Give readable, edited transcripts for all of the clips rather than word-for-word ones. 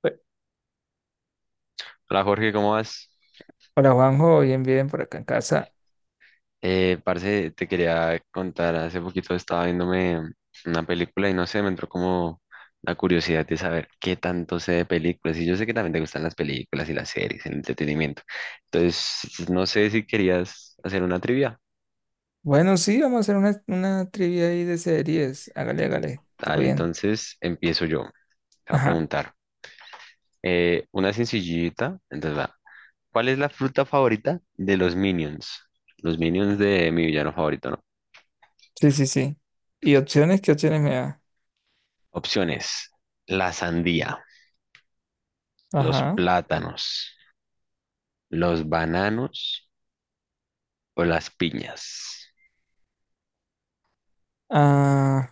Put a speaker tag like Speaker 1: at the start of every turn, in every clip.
Speaker 1: Pues,
Speaker 2: Hola Jorge, ¿cómo vas?
Speaker 1: hola Juanjo, bien, bien por acá en casa.
Speaker 2: Parce, te quería contar, hace poquito estaba viéndome una película y no sé, me entró como la curiosidad de saber qué tanto sé de películas. Y yo sé que también te gustan las películas y las series, el entretenimiento. Entonces, no sé si querías hacer una trivia.
Speaker 1: Bueno, sí, vamos a hacer una trivia ahí de series. Hágale, hágale, todo
Speaker 2: Dale,
Speaker 1: bien.
Speaker 2: entonces empiezo yo. Te voy a
Speaker 1: Ajá,
Speaker 2: preguntar. Una sencillita, entonces va. ¿Cuál es la fruta favorita de los Minions? Los Minions de mi villano favorito, ¿no?
Speaker 1: sí, sí, sí. ¿Y opciones? ¿Qué opciones me da?
Speaker 2: Opciones: la sandía, los
Speaker 1: Ajá.
Speaker 2: plátanos, los bananos o las piñas.
Speaker 1: Ah,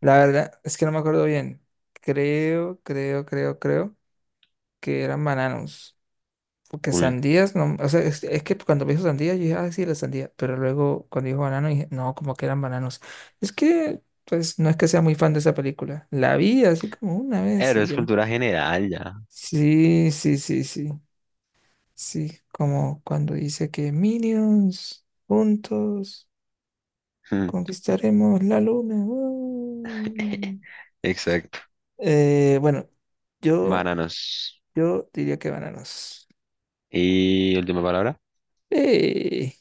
Speaker 1: la verdad es que no me acuerdo bien. Creo que eran bananos. Porque
Speaker 2: Cul-
Speaker 1: sandías, no, o sea, es que cuando me dijo sandía, yo dije, ah, sí, la sandía. Pero luego cuando dijo banano, dije, no, como que eran bananos. Es que, pues, no es que sea muy fan de esa película. La vi así como una vez
Speaker 2: Pero
Speaker 1: y
Speaker 2: es
Speaker 1: ya.
Speaker 2: cultura general ya.
Speaker 1: Sí, sí, sí, sí. Sí, como cuando dice que Minions, juntos, conquistaremos la luna.
Speaker 2: Exacto.
Speaker 1: Eh, bueno, yo,
Speaker 2: Bananos.
Speaker 1: yo diría que bananos.
Speaker 2: Y última palabra.
Speaker 1: Eh,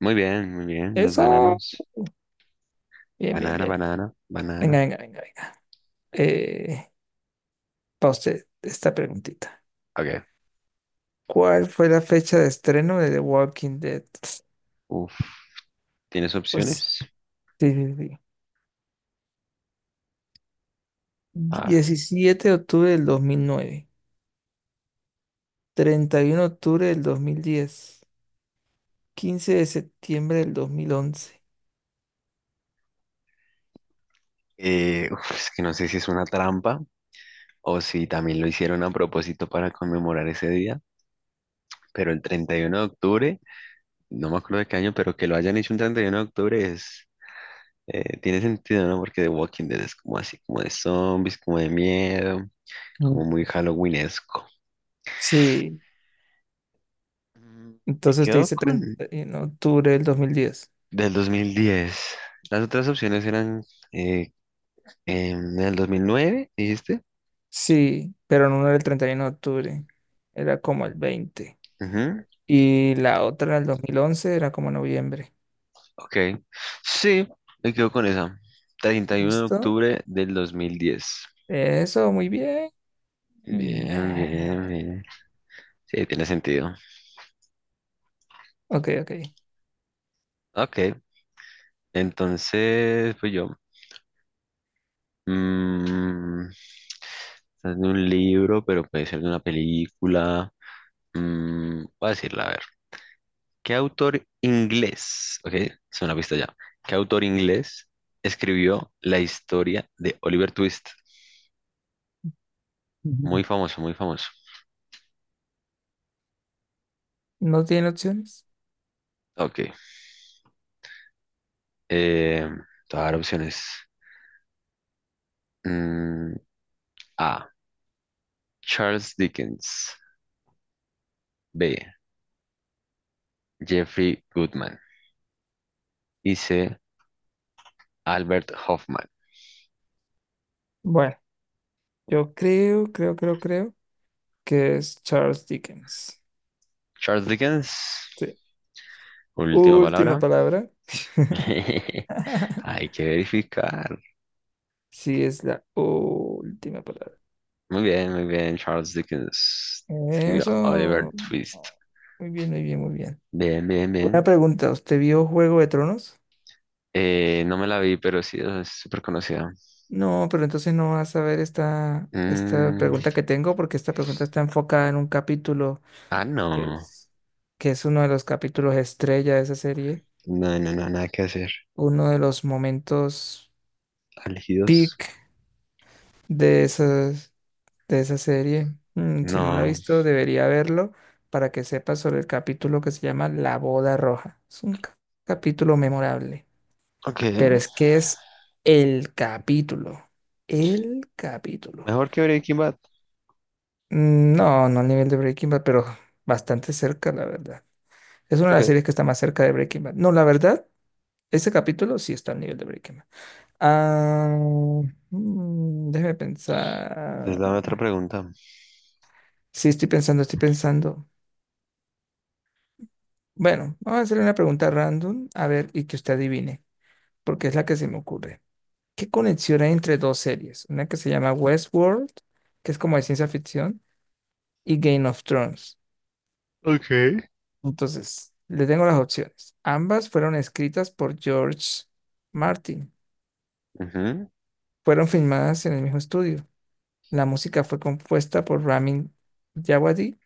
Speaker 2: Muy bien, muy bien. Los
Speaker 1: eso.
Speaker 2: bananos.
Speaker 1: Bien, bien,
Speaker 2: Banana,
Speaker 1: bien.
Speaker 2: banana,
Speaker 1: Venga,
Speaker 2: banana.
Speaker 1: venga, venga, venga. Eh, para usted, esta preguntita.
Speaker 2: Ok.
Speaker 1: ¿Cuál fue la fecha de estreno de The Walking Dead?
Speaker 2: Uf. ¿Tienes
Speaker 1: Pues,
Speaker 2: opciones?
Speaker 1: sí, sí, sí.
Speaker 2: A ver.
Speaker 1: 17 de octubre del 2009. 31 de octubre del 2010, 15 de septiembre del 2011.
Speaker 2: Uf, es que no sé si es una trampa o si también lo hicieron a propósito para conmemorar ese día. Pero el 31 de octubre, no me acuerdo de qué año, pero que lo hayan hecho un 31 de octubre es. Tiene sentido, ¿no? Porque The Walking Dead es como así, como de zombies, como de miedo,
Speaker 1: Mm.
Speaker 2: como muy Halloweenesco.
Speaker 1: Sí.
Speaker 2: Mm, Me
Speaker 1: Entonces usted
Speaker 2: quedo
Speaker 1: dice
Speaker 2: con
Speaker 1: 31 de octubre del 2010.
Speaker 2: del 2010. Las otras opciones eran eh, del 2009, dijiste.
Speaker 1: Sí, pero no era el 31 de octubre. Era como el 20.
Speaker 2: Ujú.
Speaker 1: Y la otra, el 2011 era como noviembre.
Speaker 2: Ok. Sí, me quedo con esa. treinta y uno de
Speaker 1: ¿Listo?
Speaker 2: octubre del 2010.
Speaker 1: Eso, muy bien.
Speaker 2: Bien, bien,
Speaker 1: Eh,
Speaker 2: bien. Sí, tiene sentido.
Speaker 1: Ok, ok.
Speaker 2: Ok, entonces, pues yo. Es de un libro, pero puede ser de una película. Voy a decirla, a ver. ¿Qué autor inglés? Ok, es una pista ya. ¿Qué autor inglés escribió la historia de Oliver Twist?
Speaker 1: Ujú.
Speaker 2: Muy famoso, muy famoso.
Speaker 1: ¿No tiene opciones?
Speaker 2: Ok. Eh, Te voy a dar opciones. Mm, A: Charles Dickens. B: Jeffrey Goodman. Y C: Albert Hoffman.
Speaker 1: Bueno, yo creo que es Charles Dickens.
Speaker 2: Charles Dickens.
Speaker 1: Sí.
Speaker 2: Última
Speaker 1: Última
Speaker 2: palabra.
Speaker 1: palabra.
Speaker 2: Hay que verificar.
Speaker 1: Sí, es la última palabra.
Speaker 2: Muy bien, muy bien. Charles Dickens escribió
Speaker 1: Eso.
Speaker 2: Oliver Twist.
Speaker 1: Muy bien, muy bien, muy bien.
Speaker 2: Bien, bien,
Speaker 1: Una
Speaker 2: bien.
Speaker 1: pregunta, ¿usted vio Juego de Tronos?
Speaker 2: No me la vi, pero sí es súper conocida.
Speaker 1: No, pero entonces no vas a ver esta, esta
Speaker 2: Mm,
Speaker 1: pregunta que tengo porque esta pregunta está enfocada en un capítulo
Speaker 2: ah,
Speaker 1: que
Speaker 2: no.
Speaker 1: es, que es uno de los capítulos estrella de esa serie,
Speaker 2: No, no, no, nada que hacer.
Speaker 1: uno de los momentos
Speaker 2: Elegidos.
Speaker 1: peak de esas. De esa serie. Mm, si no la ha
Speaker 2: No.
Speaker 1: visto, debería verlo para que sepa sobre el capítulo que se llama La Boda Roja. Es un capítulo memorable,
Speaker 2: Ok.
Speaker 1: pero es que es el capítulo, el capítulo.
Speaker 2: Mejor que Breaking Bad.
Speaker 1: Mm, no, no al nivel de Breaking Bad, pero bastante cerca, la verdad. Es una de las
Speaker 2: Ok.
Speaker 1: series que está más cerca de Breaking Bad. No, la verdad, ese capítulo sí está al nivel de Breaking Bad. Ah, déjeme
Speaker 2: Entonces dame otra
Speaker 1: pensar.
Speaker 2: pregunta.
Speaker 1: Sí, estoy pensando, estoy pensando. Bueno, vamos a hacerle una pregunta random, a ver, y que usted adivine, porque es la que se me ocurre. ¿Qué conexión hay entre dos series? Una que se llama Westworld, que es como de ciencia ficción, y Game of Thrones.
Speaker 2: Ok.
Speaker 1: Entonces, le tengo las opciones. Ambas fueron escritas por George Martin.
Speaker 2: Ujú.
Speaker 1: Fueron filmadas en el mismo estudio. La música fue compuesta por Ramin Djawadi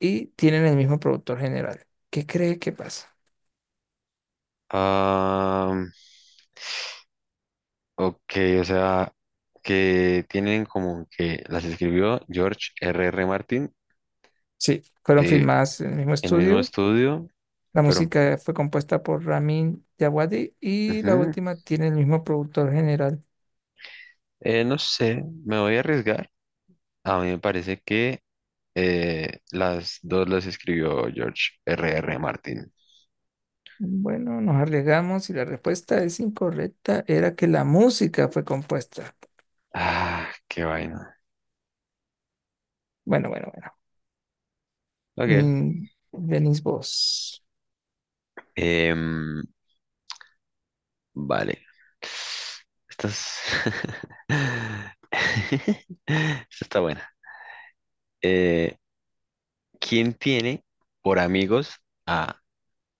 Speaker 1: y tienen el mismo productor general. ¿Qué cree que pasa?
Speaker 2: Ah, ok, o sea, que tienen como que las escribió George R. R. Martin.
Speaker 1: Sí, fueron
Speaker 2: eh,
Speaker 1: filmadas en el mismo
Speaker 2: El mismo
Speaker 1: estudio.
Speaker 2: estudio,
Speaker 1: La
Speaker 2: pero
Speaker 1: música fue compuesta por Ramin Djawadi y la
Speaker 2: ujú.
Speaker 1: última tiene el mismo productor general.
Speaker 2: No sé, me voy a arriesgar. A mí me parece que las dos las escribió George R. R. Martin.
Speaker 1: Bueno, nos arriesgamos y la respuesta es incorrecta. Era que la música fue compuesta.
Speaker 2: Ah, qué vaina.
Speaker 1: Bueno, bueno, bueno.
Speaker 2: Ok.
Speaker 1: Mm, venís vos.
Speaker 2: Em, vale. Estas. Esta está buena. Eh, ¿Quién tiene por amigos a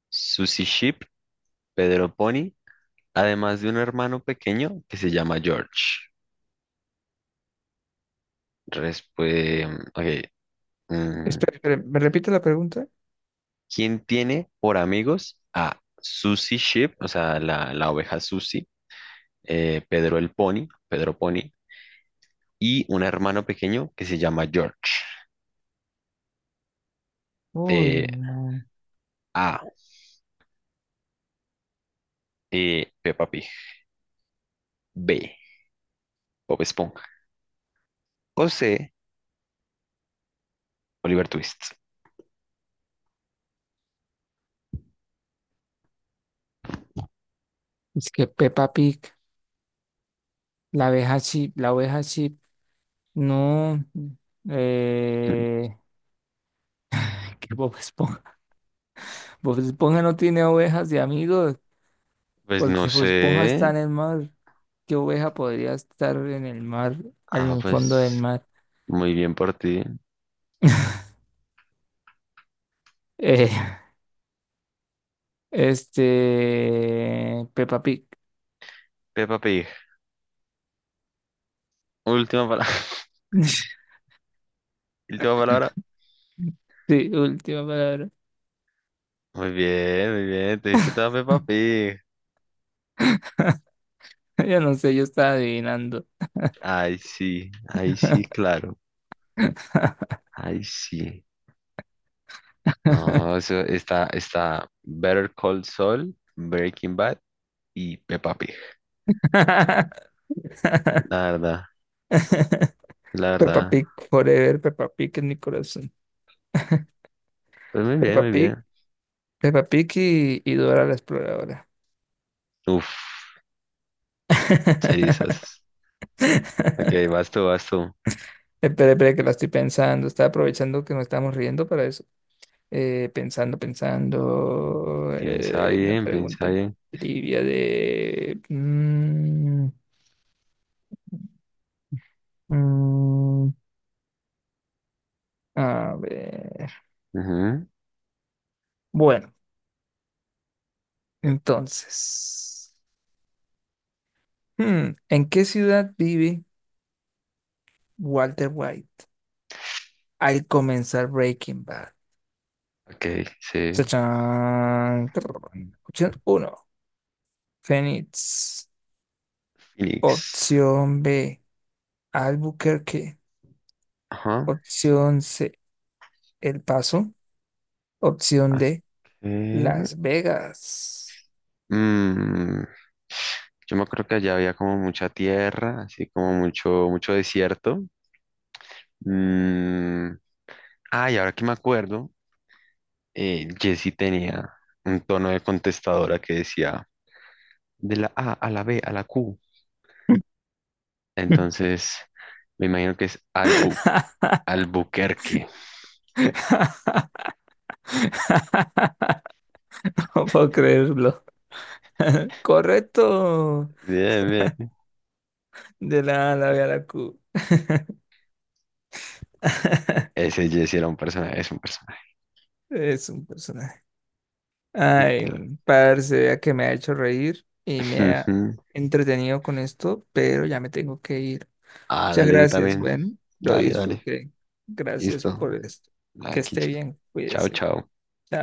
Speaker 2: Susie Sheep, Pedro Pony, además de un hermano pequeño que se llama George? Respuesta. Ok. mm,
Speaker 1: Espera, espera, ¿me repite la pregunta?
Speaker 2: ¿Quién tiene por amigos a Susie Sheep, o sea, la oveja Susie, Pedro Pony, y un hermano pequeño que se llama George? Eh,
Speaker 1: Uy, no.
Speaker 2: A: Peppa Pig. B: Bob Esponja. O C: Oliver Twist.
Speaker 1: Es que Peppa Pig. La abeja chip, la oveja chip, no.
Speaker 2: Mm,
Speaker 1: Eh, que Bob Esponja, Bob Esponja no tiene ovejas de amigos,
Speaker 2: Pues no
Speaker 1: porque Bob Esponja está
Speaker 2: sé.
Speaker 1: en el mar. ¿Qué oveja podría estar en el mar, en
Speaker 2: Ah,
Speaker 1: el fondo del
Speaker 2: pues
Speaker 1: mar?
Speaker 2: muy bien por ti.
Speaker 1: Eh, Peppa Pig.
Speaker 2: Peppa Pig. Última palabra. Última palabra.
Speaker 1: Sí, última palabra.
Speaker 2: Muy bien, muy bien. Te diste toda Peppa Pig.
Speaker 1: Yo no sé, yo estaba adivinando.
Speaker 2: Ay sí, ahí sí, claro. Ay sí. No, eso está, está Better Call Saul, Breaking Bad y Peppa Pig. La verdad, la
Speaker 1: Peppa
Speaker 2: verdad.
Speaker 1: Pig, forever, Peppa Pig en mi corazón.
Speaker 2: Pues muy bien,
Speaker 1: Peppa
Speaker 2: muy
Speaker 1: Pig.
Speaker 2: bien.
Speaker 1: Peppa Pig y Dora la Exploradora.
Speaker 2: Uf, cerizas. Ok, vas tú, vas tú.
Speaker 1: Espera, espera, que la estoy pensando. Estaba aprovechando que nos estamos riendo para eso. Pensando, pensando.
Speaker 2: Piensa
Speaker 1: Una
Speaker 2: bien, piensa
Speaker 1: pregunta
Speaker 2: bien.
Speaker 1: trivia de. Mm, a ver.
Speaker 2: Ujú.
Speaker 1: Bueno, entonces. ¿En qué ciudad vive Walter White al comenzar Breaking Bad?
Speaker 2: Ok, sí.
Speaker 1: Chachán. Trrr. Opción uno. Phoenix.
Speaker 2: Phoenix.
Speaker 1: Opción B, Albuquerque.
Speaker 2: Ajá.
Speaker 1: Opción C, El Paso. Opción
Speaker 2: Ok.
Speaker 1: D, Las Vegas.
Speaker 2: Mm, Yo me acuerdo que allá había como mucha tierra, así como mucho, mucho desierto. Mm, Ah, y ahora que me acuerdo, Jessy tenía un tono de contestadora que decía de la A a la B a la Q. Entonces, me imagino que es Albuquerque.
Speaker 1: No puedo creerlo. Correcto.
Speaker 2: Bien, bien.
Speaker 1: De la A la B a la Q.
Speaker 2: Ese Jessy era un personaje, es un personaje.
Speaker 1: Es un personaje. Ay,
Speaker 2: Literal.
Speaker 1: parce, vea que me ha hecho reír y me ha
Speaker 2: Ujú.
Speaker 1: entretenido con esto, pero ya me tengo que ir.
Speaker 2: Ah,
Speaker 1: Muchas
Speaker 2: dale, yo
Speaker 1: gracias.
Speaker 2: también.
Speaker 1: Bueno, lo
Speaker 2: Dale, dale.
Speaker 1: disfruté. Gracias
Speaker 2: Listo.
Speaker 1: por esto. Que
Speaker 2: Aquí.
Speaker 1: esté bien.
Speaker 2: Chao,
Speaker 1: Cuídese.
Speaker 2: chao.
Speaker 1: Chao.